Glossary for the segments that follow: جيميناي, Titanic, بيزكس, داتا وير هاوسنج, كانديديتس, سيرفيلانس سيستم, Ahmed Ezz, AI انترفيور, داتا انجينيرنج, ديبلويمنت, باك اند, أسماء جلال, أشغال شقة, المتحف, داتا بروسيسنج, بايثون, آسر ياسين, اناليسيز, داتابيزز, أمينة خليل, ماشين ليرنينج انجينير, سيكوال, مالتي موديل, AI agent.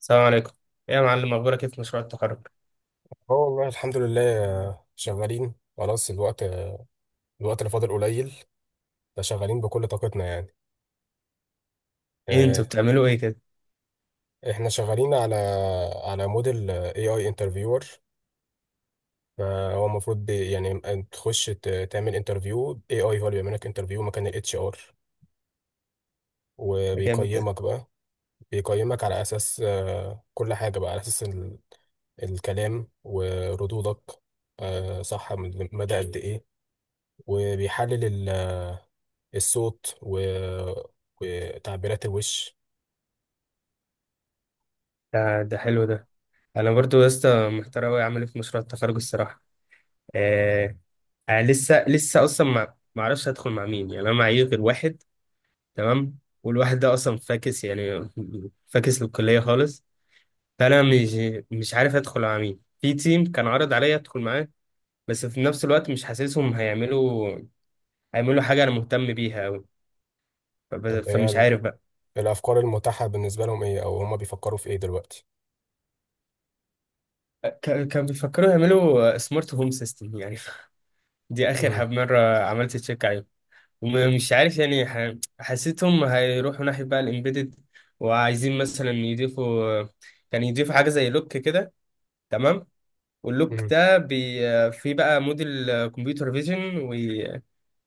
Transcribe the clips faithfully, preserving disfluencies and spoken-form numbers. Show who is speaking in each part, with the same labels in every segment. Speaker 1: السلام عليكم. إيه يا معلم، اخبارك ايه في مشروع التخرج؟
Speaker 2: اه والله الحمد لله آه، شغالين خلاص الوقت الوقت اللي فاضل قليل. فشغالين بكل طاقتنا يعني
Speaker 1: ايه انتوا
Speaker 2: آه،
Speaker 1: بتعملوا ايه كده؟
Speaker 2: احنا شغالين على على موديل اي اي انترفيور. فهو المفروض ب- يعني تخش ت- تعمل انترفيو اي اي، هو اللي بيعمل لك انترفيو مكان الاتش ار،
Speaker 1: ده جامد ده.
Speaker 2: وبيقيمك بقى. بيقيمك على اساس آه، كل حاجة بقى على اساس ال- الكلام وردودك، آه، صح، من مدى قد ايه. وبيحلل الصوت و... وتعبيرات الوش.
Speaker 1: ده ده حلو ده. انا برضو يا اسطى محتار اوي اعمل ايه في مشروع التخرج الصراحه. آه. آه لسه لسه اصلا ما ما اعرفش هدخل مع مين، يعني انا معايا غير واحد. تمام، والواحد ده اصلا فاكس يعني. فاكس للكليه خالص. فانا مش مش عارف ادخل مع مين في تيم، كان عرض عليا ادخل معاه، بس في نفس الوقت مش حاسسهم هيعملوا هيعملوا حاجه انا مهتم بيها اوي. فب-
Speaker 2: طب، هي
Speaker 1: فمش
Speaker 2: ال-
Speaker 1: عارف بقى.
Speaker 2: الافكار المتاحه بالنسبه لهم ايه، او هما بيفكروا في ايه دلوقتي؟
Speaker 1: كان كان بيفكروا يعملوا سمارت هوم سيستم يعني. دي اخر
Speaker 2: امم،
Speaker 1: حب مره عملت تشيك عليهم. ومش عارف يعني ح- حسيتهم هيروحوا ناحيه بقى الامبيدد، وعايزين مثلا يضيفوا كان يضيفوا حاجه زي لوك كده. تمام. واللوك
Speaker 2: امم.
Speaker 1: ده بي في بقى موديل كمبيوتر فيجن،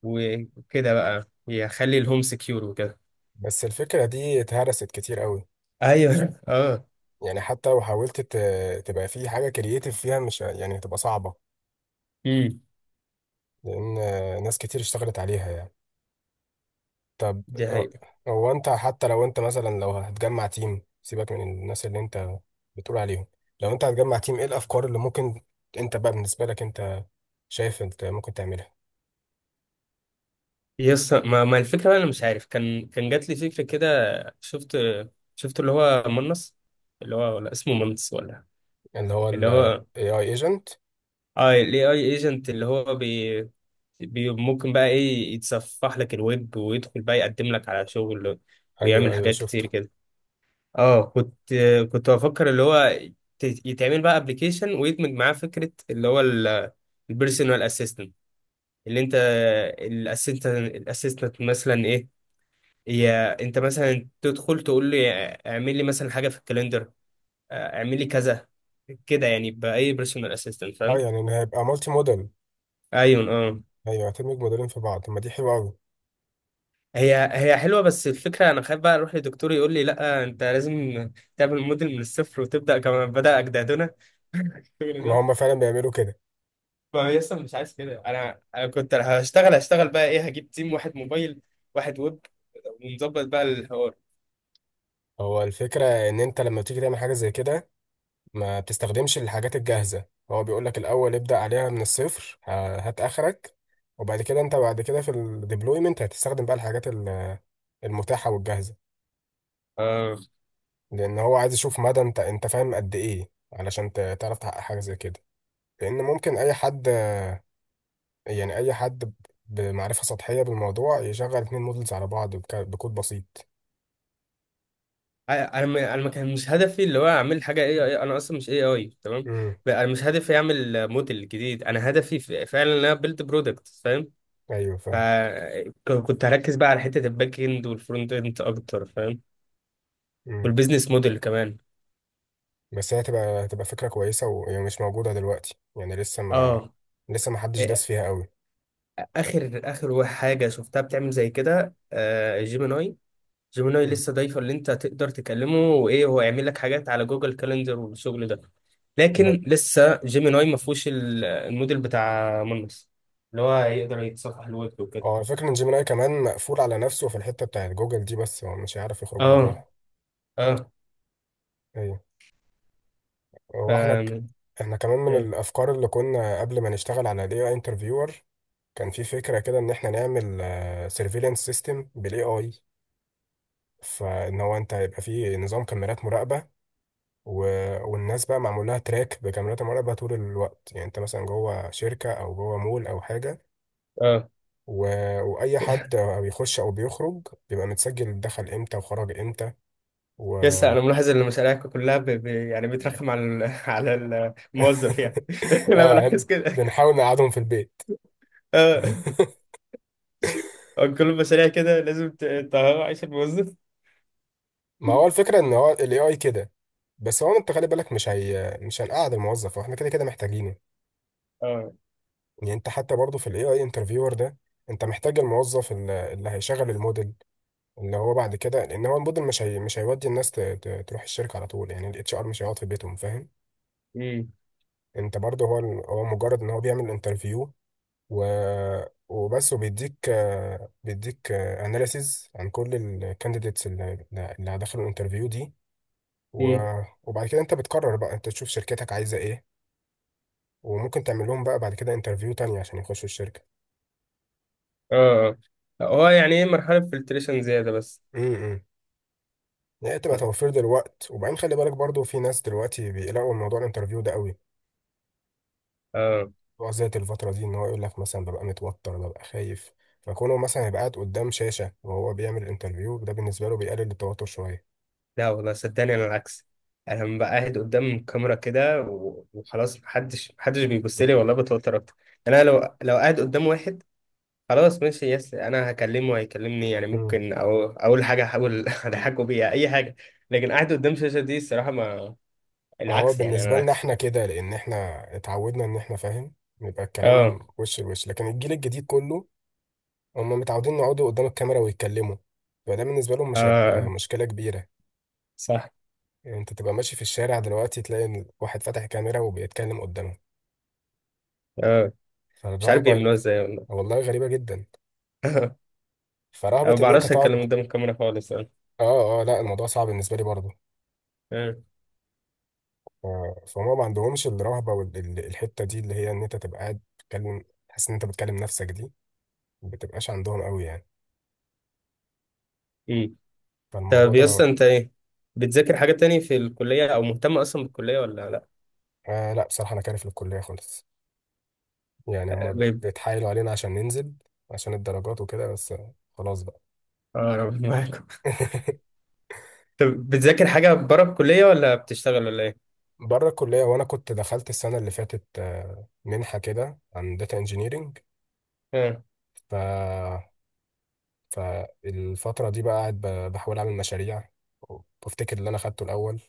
Speaker 1: وكده بقى يخلي الهوم سكيور وكده.
Speaker 2: بس الفكره دي اتهرست كتير قوي.
Speaker 1: ايوه. اه.
Speaker 2: يعني حتى لو حاولت ت... تبقى في حاجه كرييتيف فيها، مش ه- يعني هتبقى صعبه.
Speaker 1: امم.
Speaker 2: لان آه، ناس كتير اشتغلت عليها يعني. طب،
Speaker 1: دي
Speaker 2: ه-
Speaker 1: حقيقة.
Speaker 2: هو انت حتى لو انت مثلا لو هتجمع تيم، سيبك من الناس اللي انت بتقول عليهم. لو انت هتجمع تيم، ايه الافكار اللي ممكن انت بقى بالنسبه لك انت شايف انت ممكن تعملها؟
Speaker 1: يس، ما, ما الفكرة بقى، أنا مش عارف، كان كان جات لي فكرة كده. شفت شفت اللي هو منص، اللي هو ولا اسمه منص ولا.
Speaker 2: اللي هو
Speaker 1: اللي
Speaker 2: ال
Speaker 1: هو،
Speaker 2: ايه آي agent.
Speaker 1: اه ال اي اي ايجنت، اللي هو بي, بي ممكن بقى ايه يتصفح لك الويب ويدخل بقى يقدم لك على شغل،
Speaker 2: ايوه،
Speaker 1: ويعمل
Speaker 2: ايوه،
Speaker 1: حاجات كتير
Speaker 2: شفته.
Speaker 1: كده. اه كنت كنت بفكر اللي هو ت- يتعمل بقى ابلكيشن ويدمج معاه فكرة اللي هو البيرسونال اسيستنت، اللي انت، الاسيستنت الاسيستنت مثلا ايه، يا انت مثلا تدخل تقول لي اعمل لي مثلا حاجه في الكاليندر، اه، اعمل لي كذا، كده يعني باي بيرسونال اسيستنت
Speaker 2: اه،
Speaker 1: فاهم.
Speaker 2: يعني ان هيبقى مالتي موديل.
Speaker 1: ايوه اه.
Speaker 2: ايوه، هتدمج موديلين في بعض. طب، ما دي حلوه قوي.
Speaker 1: هي هي حلوه، بس الفكره انا خايف بقى اروح لدكتور يقول لي لا انت لازم تعمل موديل من الصفر وتبدا كما بدا اجدادنا. الشغل
Speaker 2: ما
Speaker 1: ده.
Speaker 2: هم فعلا بيعملوا كده.
Speaker 1: فيصل مش عايز كده، انا انا كنت هشتغل هشتغل بقى ايه هجيب تيم، واحد موبايل واحد ويب، ونظبط بقى الحوار.
Speaker 2: هو الفكره ان انت لما بتيجي تعمل حاجه زي كده ما بتستخدمش الحاجات الجاهزه. هو بيقول لك الاول ابدا عليها من الصفر، ه- هات اخرك. وبعد كده انت بعد كده في الديبلويمنت هتستخدم بقى الحاجات ال- المتاحه والجاهزه.
Speaker 1: آه.
Speaker 2: لان هو عايز يشوف مدى انت انت فاهم قد ايه علشان ت- تعرف تحقق حاجه زي كده. لان ممكن اي حد، يعني اي حد ب- بمعرفة سطحية بالموضوع يشغل اتنين مودلز على بعض بك- بكود بسيط.
Speaker 1: انا ما- انا ما كان مش هدفي اللي هو اعمل حاجه اي اي، انا اصلا مش اي اي تمام.
Speaker 2: امم،
Speaker 1: ب- انا مش هدفي اعمل موديل جديد، انا هدفي ف- فعلا ان انا بيلد برودكت فاهم.
Speaker 2: ايوه، فاهم.
Speaker 1: فكنت هركز بقى على حته الباك اند والفرونت اند اكتر فاهم.
Speaker 2: امم.
Speaker 1: والبيزنس موديل كمان.
Speaker 2: بس هي هتبقى هتبقى فكرة كويسة وهي مش موجودة دلوقتي، يعني لسه ما
Speaker 1: اه.
Speaker 2: لسه ما حدش
Speaker 1: إيه،
Speaker 2: داس فيها قوي.
Speaker 1: اخر اخر وا- حاجه شفتها بتعمل زي كده آه جيميناي. جيميناي
Speaker 2: امم.
Speaker 1: لسه ضايفه اللي انت تقدر تكلمه وايه هو يعمل لك حاجات على جوجل كالندر والشغل ده.
Speaker 2: ب...
Speaker 1: لكن لسه جيميناي ما فيهوش ال- الموديل بتاع مانوس، اللي هو هيقدر يتصفح الويب وكده.
Speaker 2: اه، الفكرة ان جيميناي كمان مقفول على نفسه في الحتة بتاعت جوجل دي، بس هو مش هيعرف يخرج براها.
Speaker 1: اه. اه
Speaker 2: ايوه. هو احنا ك...
Speaker 1: فاهم.
Speaker 2: احنا كمان من
Speaker 1: إيه.
Speaker 2: الافكار اللي كنا قبل ما نشتغل على الاي اي انترفيور، كان في فكرة كده ان احنا نعمل سيرفيلانس سيستم بالاي اي. فان هو انت هيبقى فيه نظام كاميرات مراقبه، و... والناس بقى معمول لها تراك بكاميرات المراقبه طول الوقت، يعني انت مثلا جوه شركه او جوه مول او حاجه،
Speaker 1: اه،
Speaker 2: و... واي حد بيخش او بيخرج بيبقى متسجل دخل امتى وخرج امتى. و
Speaker 1: لسه انا ملاحظ ان مشاريعك كلها ب... ب... يعني بترخم على ال... على ال- الموظف يعني. انا
Speaker 2: اه،
Speaker 1: بلاحظ كده.
Speaker 2: بنحاول نقعدهم في البيت.
Speaker 1: اه. آه، كل المشاريع كده لازم ت- تهوى عيش الموظف.
Speaker 2: ما هو الفكره ان هو الاي اي كده. بس هو انت خلي بالك، مش هي مش هنقعد الموظف واحنا كده كده محتاجينه.
Speaker 1: اه.
Speaker 2: يعني انت حتى برضه في الاي اي انترفيور ده انت محتاج الموظف ال- اللي هيشغل الموديل. اللي هو بعد كده، لان هو الموديل مش هي مش هيودي الناس ت- ت- تروح الشركه على طول، يعني الاتش ار مش هيقعد في بيتهم، فاهم؟
Speaker 1: امم
Speaker 2: انت برضه هو ال- هو مجرد ان هو بيعمل انترفيو و وبس وبيديك آه، بيديك اناليسيز عن كل الكانديديتس اللي اللي دخلوا الانترفيو دي،
Speaker 1: امم.
Speaker 2: و- وبعد كده انت بتقرر بقى، انت تشوف شركتك عايزه ايه. وممكن تعمل لهم بقى بعد كده انترفيو تاني عشان يخشوا الشركه.
Speaker 1: اه. آه. هو يعني ايه، مرحله فلتريشن زياده بس.
Speaker 2: امم، امم. إن هي تبقى
Speaker 1: اه.
Speaker 2: توفير دلوقت. وبعدين خلي بالك برضو، في ناس دلوقتي بيقلقوا من موضوع الانترفيو ده قوي.
Speaker 1: آه.
Speaker 2: هو ذات الفترة دي، ان هو يقول لك مثلا ببقى متوتر ببقى خايف. فكونه مثلا يبقى قاعد قدام شاشة وهو بيعمل انترفيو، ده بالنسبة له بيقلل التوتر شوية.
Speaker 1: لا والله صدقني انا العكس. انا لما ببقى قاعد قدام الكاميرا كده و- وخلاص محدش محدش بيبص لي والله بتوتر اكتر. يعني انا لو لو قاعد قدام واحد خلاص ماشي، يس انا هكلمه وهيكلمني، يعني
Speaker 2: امم.
Speaker 1: ممكن، او اول حاجه هحاول اضحكه بيها اي حاجه. لكن قاعد قدام الشاشه دي الصراحه ما،
Speaker 2: هو
Speaker 1: العكس يعني، انا
Speaker 2: بالنسبة لنا
Speaker 1: العكس.
Speaker 2: احنا كده لان احنا اتعودنا ان احنا، فاهم، يبقى الكلام
Speaker 1: اه.
Speaker 2: وش لوش، لكن الجيل الجديد كله هم متعودين يقعدوا قدام الكاميرا ويتكلموا، فده بالنسبة لهم مش هيبقى
Speaker 1: اه
Speaker 2: مشكلة كبيرة.
Speaker 1: صح.
Speaker 2: يعني انت تبقى ماشي في الشارع دلوقتي تلاقي إن واحد فاتح كاميرا وبيتكلم قدامه.
Speaker 1: اه. مش عارف
Speaker 2: فالرهبة،
Speaker 1: بيعملوها ازاي والله.
Speaker 2: والله غريبة جدا.
Speaker 1: أنا
Speaker 2: فرهبة
Speaker 1: ما
Speaker 2: إن أنت
Speaker 1: بعرفش اتكلم
Speaker 2: تقعد.
Speaker 1: قدام الكاميرا خالص. اه.
Speaker 2: آه، آه، لا، الموضوع صعب بالنسبة لي برضه.
Speaker 1: آه.
Speaker 2: ف- فهما ما عندهمش الرهبة والحتة دي اللي هي إن أنت تبقى قاعد تتكلم، تحس إن أنت بتكلم نفسك دي، ما بتبقاش عندهم قوي يعني.
Speaker 1: إمم.
Speaker 2: فالموضوع
Speaker 1: طب يا اسطى،
Speaker 2: ده.
Speaker 1: انت ايه بتذاكر حاجة تاني في الكلية، او مهتم اصلا بالكلية ولا لا؟
Speaker 2: آه، لا، بصراحة أنا كارف للكلية خالص. يعني هما
Speaker 1: غيب.
Speaker 2: بيتحايلوا علينا عشان ننزل عشان الدرجات وكده بس. آه، خلاص بقى.
Speaker 1: اه، ربنا معاكم. طب بتذاكر حاجة بره الكلية ولا بتشتغل ولا ايه؟
Speaker 2: بره الكلية، وأنا كنت دخلت السنة اللي فاتت آه، منحة كده عن داتا انجينيرنج.
Speaker 1: اه.
Speaker 2: فالفترة دي بقى قاعد ب- بحاول أعمل مشاريع، وبفتكر اللي أنا خدته الأول،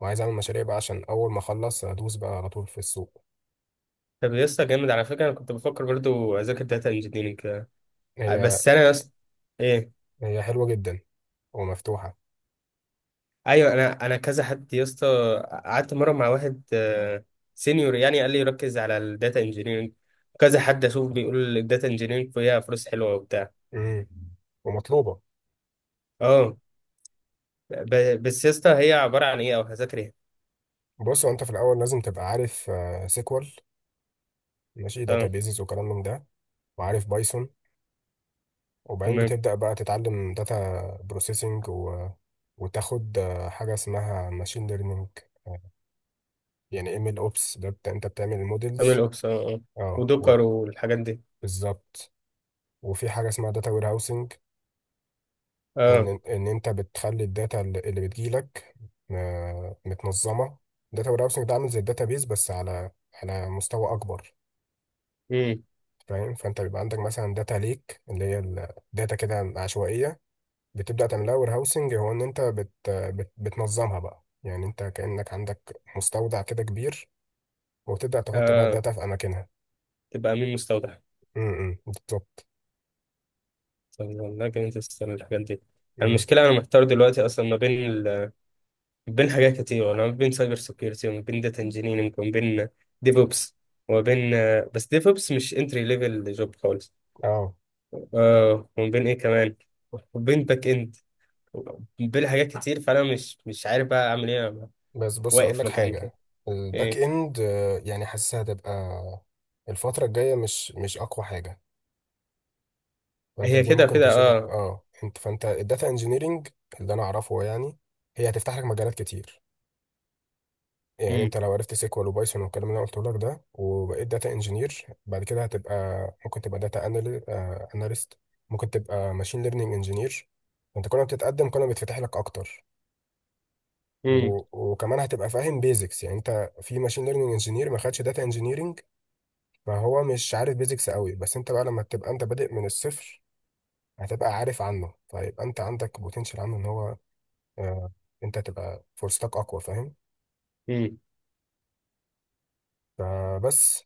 Speaker 2: وعايز أعمل مشاريع بقى عشان أول ما أخلص أدوس بقى على طول في السوق.
Speaker 1: طب يا اسطى، جامد على فكرة، انا كنت بفكر برضو اذاكر داتا انجينيرنج،
Speaker 2: هي
Speaker 1: بس انا يا اسطى، ايه،
Speaker 2: هي حلوة جدا ومفتوحة.
Speaker 1: ايوه، انا انا كذا حد يا اسطى، قعدت مرة مع واحد سينيور يعني قال لي ركز على الداتا انجينيرنج، كذا حد اشوف بيقول الداتا انجينيرنج فيها فلوس حلوة وبتاع.
Speaker 2: امم، ومطلوبة.
Speaker 1: اه، ب- بس يا اسطى هي عبارة عن ايه او هذاكر ايه؟
Speaker 2: بص، هو أنت في الأول لازم تبقى عارف آه، سيكوال، ماشي،
Speaker 1: اه
Speaker 2: داتابيزز وكلام من ده. وعارف بايثون. وبعدين
Speaker 1: تمام.
Speaker 2: بتبدأ بقى تتعلم داتا بروسيسنج و... وتاخد آه، حاجة اسمها ماشين ليرنينج. يعني ام ال اوبس ده، بت- انت بتعمل
Speaker 1: عامل
Speaker 2: المودلز.
Speaker 1: اوبس اه. آه.
Speaker 2: اه، و-
Speaker 1: ودكر والحاجات دي.
Speaker 2: بالظبط. وفي حاجة اسمها داتا وير هاوسنج،
Speaker 1: اه.
Speaker 2: ان ان انت بتخلي الداتا اللي اللي بتجيلك آه، متنظمة. داتا وير هاوسنج ده عامل زي الداتا بيز، بس على على مستوى اكبر.
Speaker 1: امم.
Speaker 2: فاهم؟ فانت بيبقى عندك مثلا داتا ليك، اللي هي الداتا كده عشوائية. بتبدأ تعملها وير هاوسنج، هو ان انت بت بت بتنظمها بقى، يعني انت كأنك عندك مستودع كده كبير، وتبدأ تحط بقى
Speaker 1: اه.
Speaker 2: الداتا في اماكنها.
Speaker 1: تبقى امين مستودع.
Speaker 2: امم، بالظبط.
Speaker 1: طب والله جامد السنة الحاجات دي.
Speaker 2: امم.
Speaker 1: المشكلة أنا محتار دلوقتي أصلا ما بين ال... بين حاجات كتير، أنا ما بين سايبر سيكيورتي، وما بين داتا انجينيرنج، وما بين ديفوبس، وما بين آه، بس ديفوبس مش انتري ليفل جوب خالص.
Speaker 2: اه.
Speaker 1: اه، وما بين إيه كمان، وما بين باك إند، بين حاجات كتير، فأنا مش مش عارف بقى أعمل إيه، أنا
Speaker 2: بس بص، اقول
Speaker 1: واقف
Speaker 2: لك
Speaker 1: مكاني كده.
Speaker 2: حاجه. الباك
Speaker 1: إيه.
Speaker 2: اند آه، يعني حاسسها هتبقى الفتره الجايه مش مش اقوى حاجه. فانت
Speaker 1: هي
Speaker 2: دي
Speaker 1: كده
Speaker 2: ممكن
Speaker 1: كده
Speaker 2: تشيلها.
Speaker 1: اه.
Speaker 2: اه انت، فانت الداتا انجينيرنج اللي انا اعرفه يعني، هي هتفتح لك مجالات كتير. يعني
Speaker 1: امم
Speaker 2: انت لو عرفت سيكوال وبايثون والكلام اللي انا قلته لك ده وبقيت داتا انجينير بعد كده هتبقى ممكن تبقى داتا اناليست، ممكن تبقى ماشين ليرنينج انجينير. انت كل ما بتتقدم كل ما بيتفتح لك اكتر. و... وكمان هتبقى فاهم بيزكس، يعني انت في ماشين ليرنينج انجينير ما خدش داتا انجينيرنج، ما هو مش عارف بيزكس قوي، بس انت بقى لما تبقى انت بادئ من الصفر هتبقى عارف عنه، فيبقى انت عندك بوتنشال عنه ان هو آه انت تبقى فرصتك اقوى، فاهم؟
Speaker 1: امم.
Speaker 2: فبس.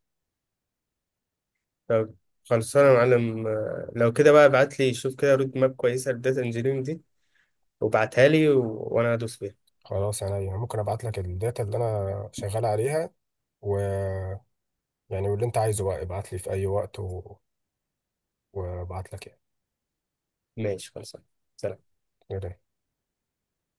Speaker 1: طب خلصانة يا معلم، آه، لو كده بقى ابعت لي شوف كده رود ماب كويسة للداتا انجينيرنج دي، وابعتها لي، و... وانا هدوس فيها.
Speaker 2: خلاص، انا يعني ممكن ابعت لك الداتا اللي انا شغال عليها. و يعني، واللي انت عايزه بقى ابعت لي في اي وقت و... وابعت لك
Speaker 1: ماشي خلصانة. سلام.
Speaker 2: يعني.